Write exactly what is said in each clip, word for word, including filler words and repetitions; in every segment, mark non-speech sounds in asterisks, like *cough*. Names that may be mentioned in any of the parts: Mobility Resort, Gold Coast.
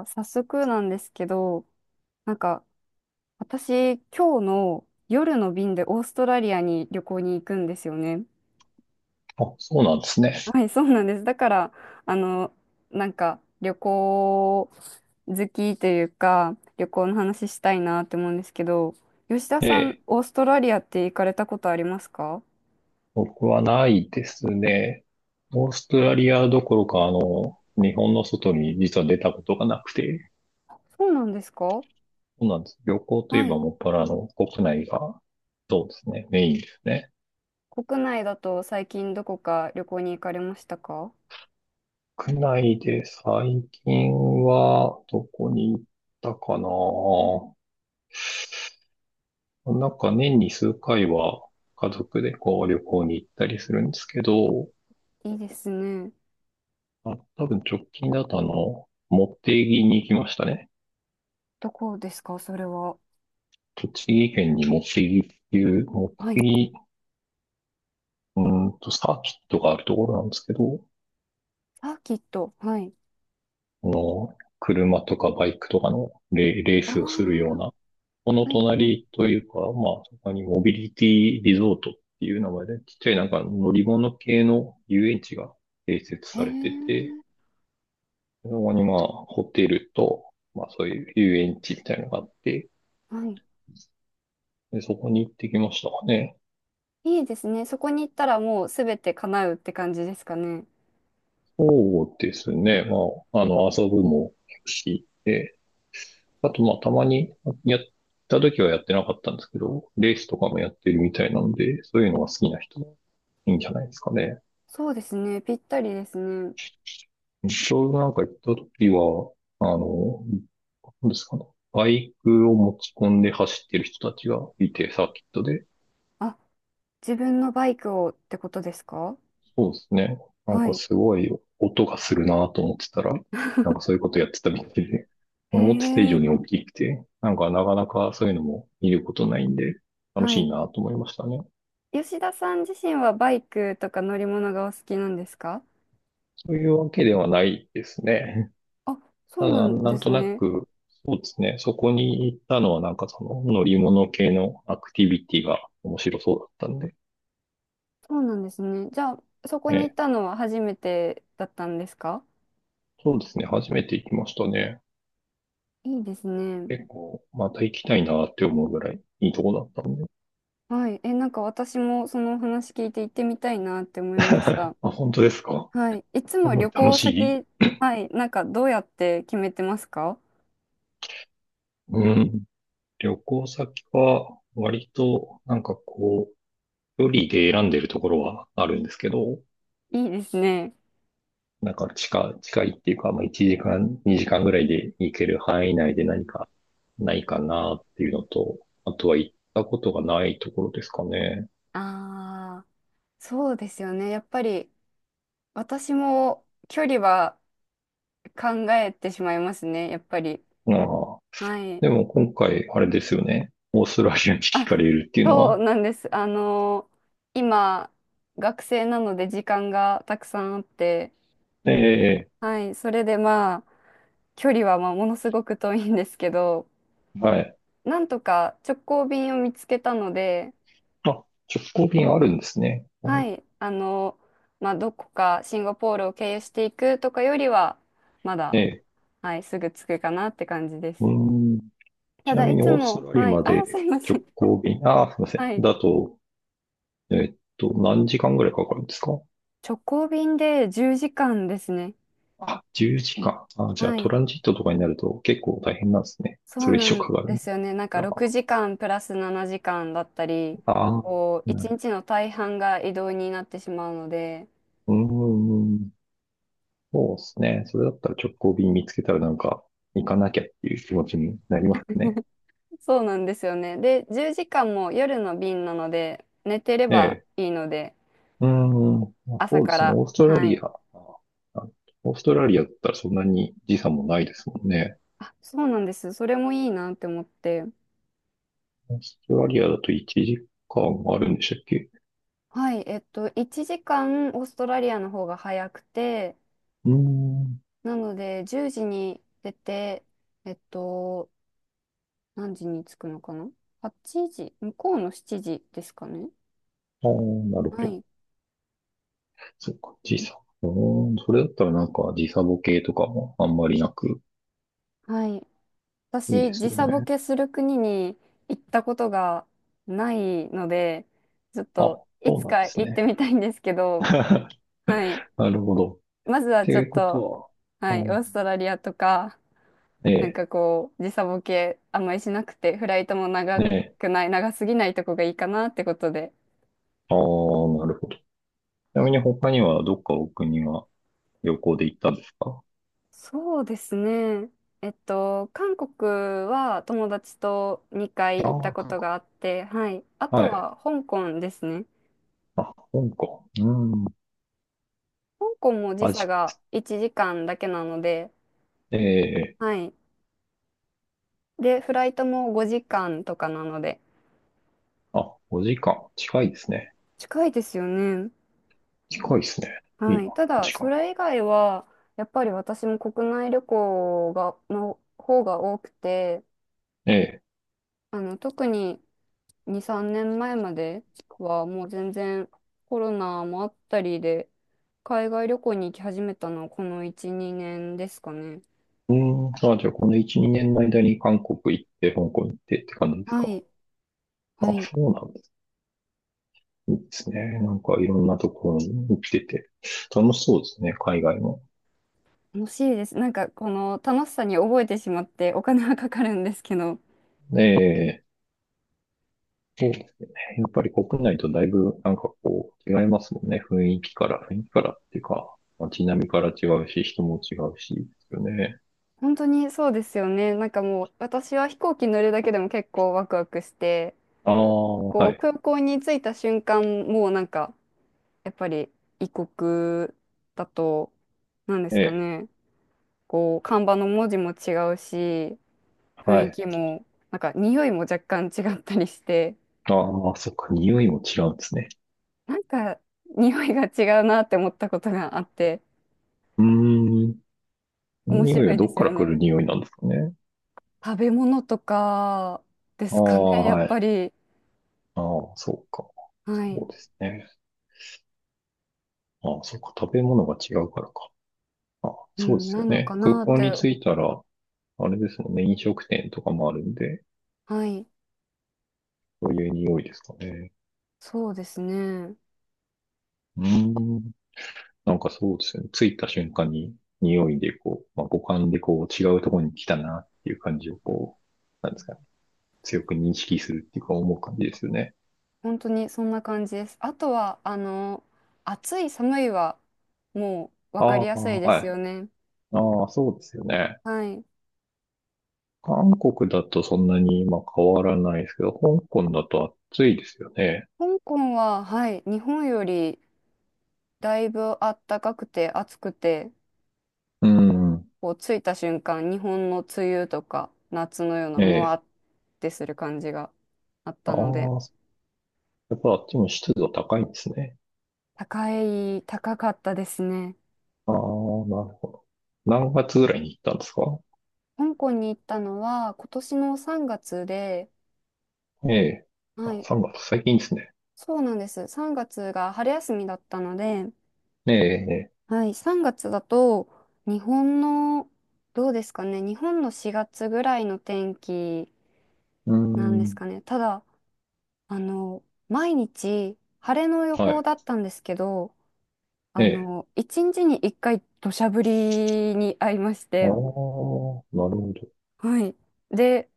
あ、早速なんですけど、なんか、私、今日の夜の便でオーストラリアに旅行に行くんですよね。あ、そうなんですね。はい、そうなんです。だから、あの、なんか、旅行好きというか、旅行の話したいなって思うんですけど、吉田えさん、え、オーストラリアって行かれたことありますか？僕はないですね。オーストラリアどころか、あの、日本の外に実は出たことがなくて、そうなんですか？そうなんです。旅行といえはばい。もっぱらあの国内が、そうですね、メインですね。国内だと最近どこか旅行に行かれましたか？国内で最近はどこに行ったかな。なんか年に数回は家族でこう旅行に行ったりするんですけど、いいですね。あ、多分直近だとあの、茂木に行きましたね。どこですか、それは。栃木県に茂木っていう、茂はい。木、うーんと、サーキットがあるところなんですけど、あ、きっと。はい。あの、車とかバイクとかのレ、レーあスをするようあ、な、このはい。うん。隣というか、まあ、そこにモビリティリゾートっていう名前で、ちっちゃいなんか乗り物系の遊園地が併設へえ。されてて、そこにまあ、ホテルと、まあそういう遊園地みたいなのがあって、はい。でそこに行ってきましたかね。いいですね。そこに行ったらもうすべて叶うって感じですかね。そうですね。まあ、あの、遊ぶも結構し、で、あと、まあ、たまにやった時はやってなかったんですけど、レースとかもやってるみたいなので、そういうのが好きな人はいいんじゃないですかね。そうですね。ぴったりですね。ちょうどなんか行った時は、あの、なんですかね。バイクを持ち込んで走ってる人たちがいて、サーキットで。あ、自分のバイクをってことですか？そうですね。なんはかい。すごい音がするなと思ってたら、なんかそういう *laughs* ことやってたみたいで、へ思ってた以上え。に大きくて、なんかなかなかそういうのも見ることないんで、楽はしいい。なと思いましたね。吉田さん自身はバイクとか乗り物がお好きなんですか？そういうわけではないですね。あ、*laughs* そたうなだ、んなでんすとなね。く、そうですね。そこに行ったのはなんかその乗り物系のアクティビティが面白そうだったんで、そうなんですね。じゃあ、そこに行っね、たのは初めてだったんですか？そうですね。初めて行きましたね。いいですね。結構、また行きたいなって思うぐらいいいとこだったんで。はい。え、なんか私もその話聞いて行ってみたいなって思 *laughs* いましあ、た。本当ですか。はい。いつすもごい旅楽行し先、い。はい。なんかどうやって決めてますか？うん。旅行先は、割と、なんかこう、距離で選んでるところはあるんですけど、いいですね。なんか近、近いっていうか、まあいちじかん、にじかんぐらいで行ける範囲内で何かないかなっていうのと、あとは行ったことがないところですかね。ああ、そうですよね。やっぱり私も距離は考えてしまいますね。やっぱり。ああ。はい。でも今回、あれですよね。オーストラリアに聞あ、かれるっていうのそうは、なんです。あの今、学生なので時間がたくさんあって、ええ、はい。それでまあ、距離はまあものすごく遠いんですけど、はい。なんとか直行便を見つけたので、まあ、直行便あるんですね。はい、あの、まあ、どこかシンガポールを経由していくとかよりは、まだ、ええ。はい、すぐ着くかなって感じです。うん。たちなだ、みいにつオーストも、ラリアはい、まあ、すでいませ直ん。行便、ああ、すみません。はい、だと、えっと、何時間ぐらいかかるんですか。直行便でじゅうじかんですね。あ、じゅうじかん。あ、じゃあはトい、ランジットとかになると結構大変なんですね。そそうれ以な上んかかるでんで。すよね。なんかあろくじかんプラスななじかんだったり、あ、こう、な1る日の大半が移動になってしまうので、ほど。うーん、そうですね。それだったら直行便見つけたらなんか行かなきゃっていう気持ちになりますね。そうなんですよね。で、じゅうじかんも夜の便なので、寝てれえばえ。いいので、うーん、まあ朝そうでかすね。ら。オーストラはリい。ア。あ、オーストラリアだったらそんなに時差もないですもんね。あ、そうなんです。それもいいなって思って。オーストラリアだといちじかんあるんでしたっけ。はい。えっと、いちじかんオーストラリアの方が早くて、うーん。なので、じゅうじに出て、えっと、何時に着くのかな？ はち 時、向こうのしちじですかね。ああ、なるほはど。い。そうか、時差。うーん、それだったらなんか時差ボケとかもあんまりなく、はい。いいで私、す時よ差ボね。ケする国に行ったことがないので、ちょっあ、といそうつなんかです行ってね。みたいんですけど、*laughs* はい。なるほど。っまずはてちょいっうことと、は、あはい、オーストラリアとか、ーえなんえ、かこう、時差ボケあんまりしなくて、フライトもね長え、くない、長すぎないとこがいいかなってことで。ああ、なるほど。ちなみに他にはどっかお国は旅行で行ったんですか。そうですね。えっと、韓国は友達とにかいあ行っあたー、こ韓と国。があって、はい。あはとい。は香港ですね。あ、香港。うん、香港も時ア差ジアでがす。いちじかんだけなので、ええ、はい。で、フライトもごじかんとかなので、あ、ごじかん。近いですね。近いですよね。近いですね。いいはな、い。ただ、時間それが。以外は、やっぱり私も国内旅行が、の方が多くて、ええ。あの、特にに、さんねんまえまえまでは、もう全然コロナもあったりで、海外旅行に行き始めたのはこのいち、にねんですかね。うーん、あ、じゃあこのいち、にねんの間に韓国行って、香港行ってって感じですはか。い。あ、はい。そうなんです。いいですね。なんかいろんなところに行ってて、楽しそうですね、海外も。楽しいです。なんかこの楽しさに覚えてしまってお金はかかるんですけど、ええ、そうですね。やっぱり国内とだいぶなんかこう違いますもんね。雰囲気から、雰囲気からっていうか、街並みから違うし、人も違うし、ですよね。本当にそうですよね。なんかもう私は飛行機乗るだけでも結構ワクワクして、ああ、こはうい。空港に着いた瞬間、もうなんかやっぱり異国だと、なんでえすかえ、ね、こう看板の文字も違うし、雰は囲い。気も、なんか匂いも若干違ったりして、ああ、そっか、匂いも違うんですね。なんか匂いが違うなって思ったことがあって、うーん。面匂い白はいどでっすかよら来ね。る匂いなんですかね。食べ物とかであすかね、あ、*laughs* やっはい。ぱり。ああ、そうか。そはい。うですね。ああ、そうか。食べ物が違うからか。ああ、うそうでん、すなよのかね。空なっ港にて。着いたら、あれですもんね。飲食店とかもあるんで、はい。そういう匂いですかね。そうですね。うーん。なんかそうですよね。着いた瞬間に匂いでこう、まあ、五感でこう違うところに来たなっていう感じをこう、なんですかね。強く認識するっていうか思う感じですよね。本当にそんな感じです。あとは、あの、暑い、寒いは、もうあ分かあ、りやすいではい。すよね。ああ、そうですよね。はい。韓国だとそんなに今変わらないですけど、香港だと暑いですよね。香港は、はい、日本よりだいぶ暖かくて暑くて、うん。こう着いた瞬間、日本の梅雨とか夏のようなえムワえ。ってする感じがあっあたので、あ、やっぱあっちも湿度高いんですね。高い、高かったですね。ああ、なるほど。何月ぐらいに行ったんですか。香港に行ったのは今年のさんがつで、ええ。はあ、い、さんがつ、最近ですね。そうなんです。3月がつが春休みだったので、ええ、ええ。はい、さんがつだと日本の、どうですかね、日本のしがつぐらいの天気うーなんですん。かね。ただ、あの、毎日晴れの予は報い。だったんですけど、えあえ。の、いちにちにいっかい土砂降りに遭いましああ、なて、るほど。はい。で、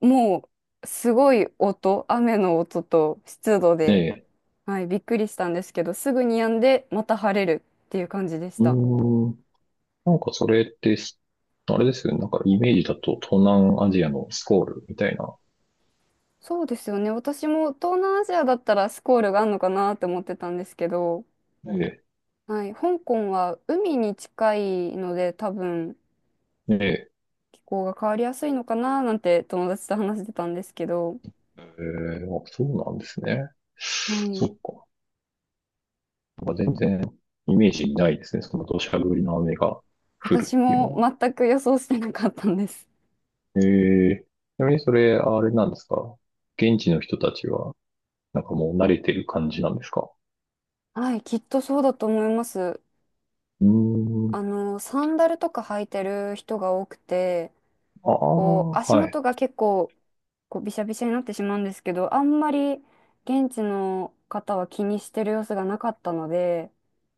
もう、すごい音、雨の音と湿度えで、え。はい、びっくりしたんですけど、すぐに止んで、また晴れるっていう感じでしうた。ーん。なんかそれって、あれですよね。なんかイメージだと東南アジアのスコールみたいな。そうですよね。私も東南アジアだったらスコールがあるのかなって思ってたんですけど、ええ。はい、香港は海に近いので、多分え気候が変わりやすいのかななんて友達と話してたんですけど、えー、あ、そうなんですね。はそい、っか。なんか全然イメージにないですね。その土砂降りの雨が降る私っていうものは。全く予想してなかったんです。えー、ちなみにそれ、あれなんですか。現地の人たちは、なんかもう慣れてる感じなんですか。はい、きっとそうだと思います。うーん。あの、サンダルとか履いてる人が多くて、ああ、こう、足はい。元が結構、こう、びしゃびしゃになってしまうんですけど、あんまり現地の方は気にしてる様子がなかったので、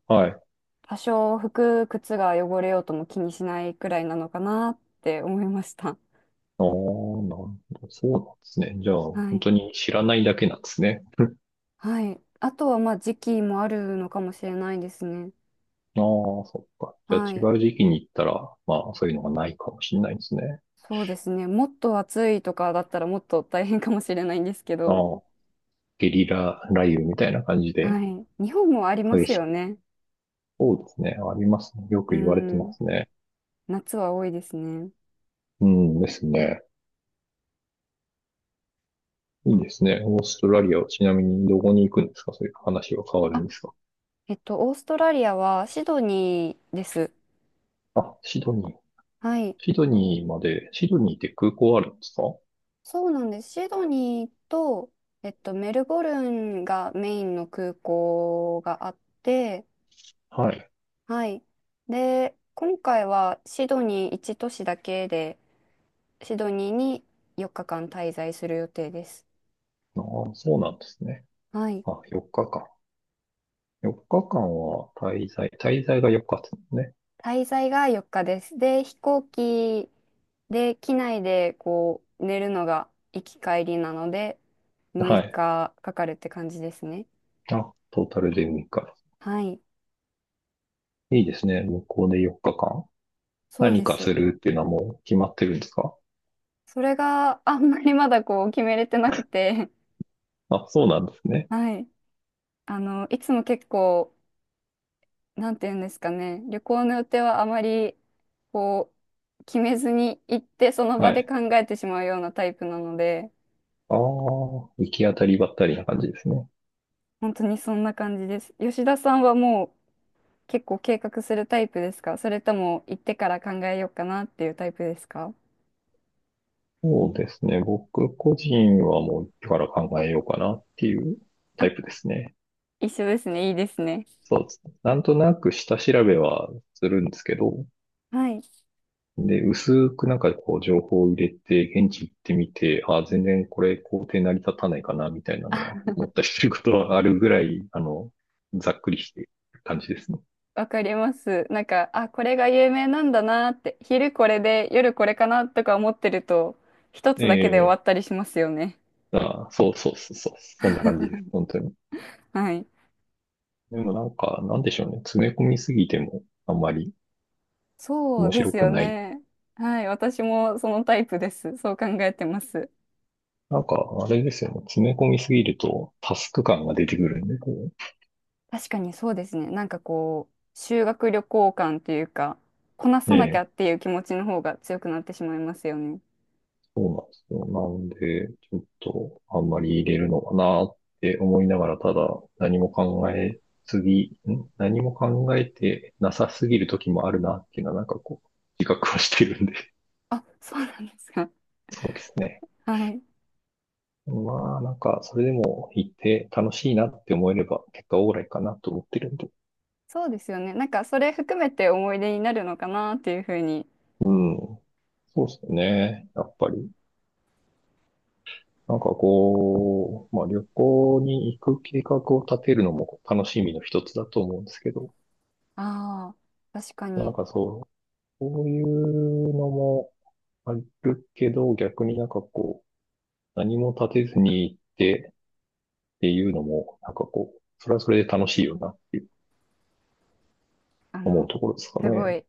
はい。多少服、靴が汚れようとも気にしないくらいなのかなって思いました。ああ、なるほど。そうなんですね。じゃあ、は本い。当に知らないだけなんですね。*laughs* はい。あとは、まあ、時期もあるのかもしれないですね。ああ、そっか。はじゃい。あ違う時期に行ったら、まあそういうのがないかもしれないですね。そうですね。もっと暑いとかだったらもっと大変かもしれないんですけど。ああ。ゲリラ雷雨みたいな感じではい。日本もありま激すしよい。ね。そうですね。ありますね。ようく言われてまん。すね。夏は多いですね。うんですね。いいですね。オーストラリアはちなみにどこに行くんですか。そういう話は変わるんですか。えっと、オーストラリアはシドニーです。あ、シドニー。はい。シドニーまで、シドニーって空港あるんですか。そうなんです。シドニーと、えっと、メルボルンがメインの空港があって、はい。はい。で、今回はシドニーいち都市だけで、シドニーによっかかん滞在する予定です。ああ、そうなんですね。はい。あ、よっかかん。よっかかんは滞在、滞在がよっかですね。滞在がよっかです。で、飛行機で、機内でこう、寝るのが行き帰りなので、6は日い。かかかるって感じですね。あ、トータルでむいか。はい。いいですね。向こうでよっかかん。そう何でかす。するっていうのはもう決まってるんですか。それがあんまりまだこう決めれてなくて、あ、そうなんです *laughs* ね。はい。あの、いつも結構、なんて言うんですかね、旅行の予定はあまりこう、決めずに行ってそのは場でい。考えてしまうようなタイプなので、ああ、行き当たりばったりな感じですね。本当にそんな感じです。吉田さんはもう結構計画するタイプですか？それとも行ってから考えようかなっていうタイプですか？そうですね。僕個人はもう一から考えようかなっていうあ、タイプですね。一緒ですね。いいですね。そうですね。なんとなく下調べはするんですけど、はい。で、薄くなんかこう情報を入れて、現地行ってみて、ああ全然これ工程成り立たないかな、みたいなのは *laughs* 思ったりすることはあるぐらい、あの、ざっくりしてる感じですね。わかります。なんか、あ、これが有名なんだなって、昼これで夜これかなとか思ってると、一つだけで終ええ、わったりしますよね。ああそうそうそうそう、そんな感じです。*laughs* 本当に。はい。でもなんか、なんでしょうね。詰め込みすぎてもあんまりそう面で白すくよない。ね。はい。私もそのタイプです。そう考えてます。なんか、あれですよね。詰め込みすぎるとタスク感が出てくるんで、こ確かにそうですね。なんかこう、修学旅行感っていうか、こなう。さねなきゃえ、っていう気持ちの方が強くなってしまいますよね。そうなんですよ。なんで、ちょっとあんまり入れるのかなって思いながら、ただ何も考えすぎ、ん何も考えてなさすぎる時もあるなっていうのはなんかこう、自覚はしてるんで。あ、そうなんですか？*laughs* そうですね。はい。まあ、なんか、それでも行って楽しいなって思えれば、結果オーライかなと思ってるんで。そうですよね。なんかそれ含めて思い出になるのかなっていうふうに、うん。そうですね。やっぱり。なんかこう、まあ旅行に行く計画を立てるのも楽しみの一つだと思うんですけど、ああ、確かなんに、かそう、こういうのもあるけど、逆になんかこう、何も立てずに行ってっていうのも、なんかこう、それはそれで楽しいよなっていうあ思うの、ところですかすごね。い、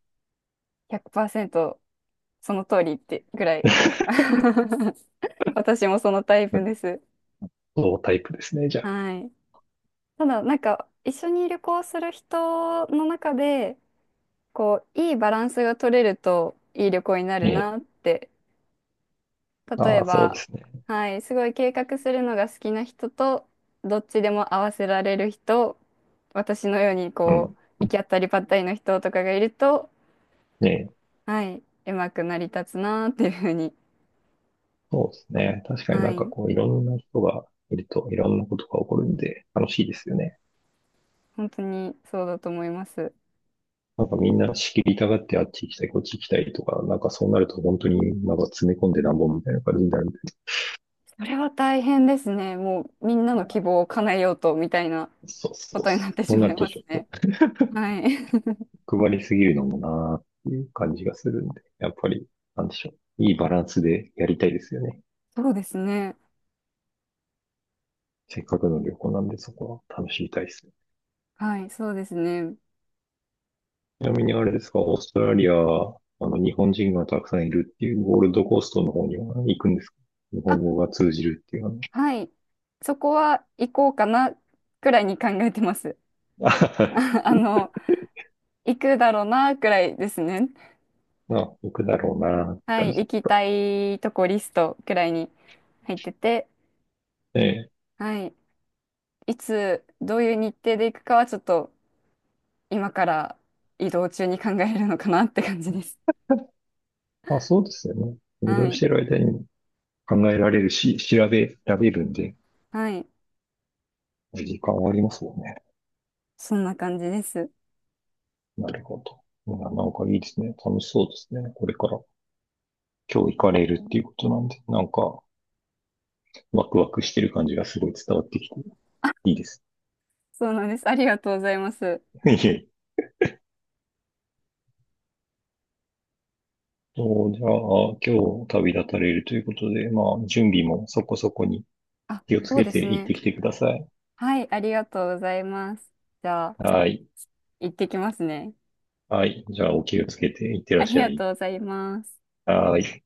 ひゃくパーセントその通りってぐらい。*laughs* 私もそのタイプです。そうタイプですね、じゃあ。はい。ただ、なんか、一緒に旅行する人の中で、こう、いいバランスが取れると、いい旅行になえるえ。なって。例あえあ、そうでば、すね。はい、すごい計画するのが好きな人と、どっちでも合わせられる人、私のように、うこん。う、行き当たりばったりの人とかがいると、ねえ。はい、うまく成り立つなーっていうふうに、そうですね。確かにはなんかい、こういろんな人がいるといろんなことが起こるんで楽しいですよね。本当にそうだと思います。なんかみんな仕切りたがってあっち行きたい、こっち行きたいとか、なんかそうなると本当になんか詰め込んでなんぼみたいな感じになるんで。それは大変ですね。もうみんなの希望を叶えようとみたいなそうこそうとそになっう。てそしうなまるいとまちょすっとね。はい、配りすぎるのもなーっていう感じがするんで、やっぱりなんでしょう。いいバランスでやりたいですよね。*laughs* そうですね。せっかくの旅行なんでそこは楽しみたいですね。はい、そうですね。ちなみにあれですか、オーストラリア、あの、日本人がたくさんいるっていう、ゴールドコーストの方には行くんですか。日本あ、語が通じるっていうはい、そこは行こうかなくらいに考えてます。の *laughs* は、ああの、行くだろうなくらいですね。*laughs* まあ、行くだろうなってはい、感じ行ですきか。たいとこリストくらいに入ってて、ええ。はい。いつどういう日程で行くかはちょっと今から移動中に考えるのかなって感じです。まあ、そうですよね。*laughs* 移は動しい。てる間に考えられるし、調べられるんで、はい。時間はありますもんね。そんな感じです。なるほど。いなんかいいですね。楽しそうですね。これから。今日行かれるっていうことなんで、なんか、ワクワクしてる感じがすごい伝わってきて、いいです。そうなんです。ありがとうございます。*laughs* いえいえ、そうじゃあ、今日旅立たれるということで、まあ、準備もそこそこにあ、気をつそうけでてす行っね。てきてください。はい、ありがとうございます。じゃあ、はい。行ってきますね。はい。じゃあ、お気をつけて行ってらっありしゃがい。とうございます。はい。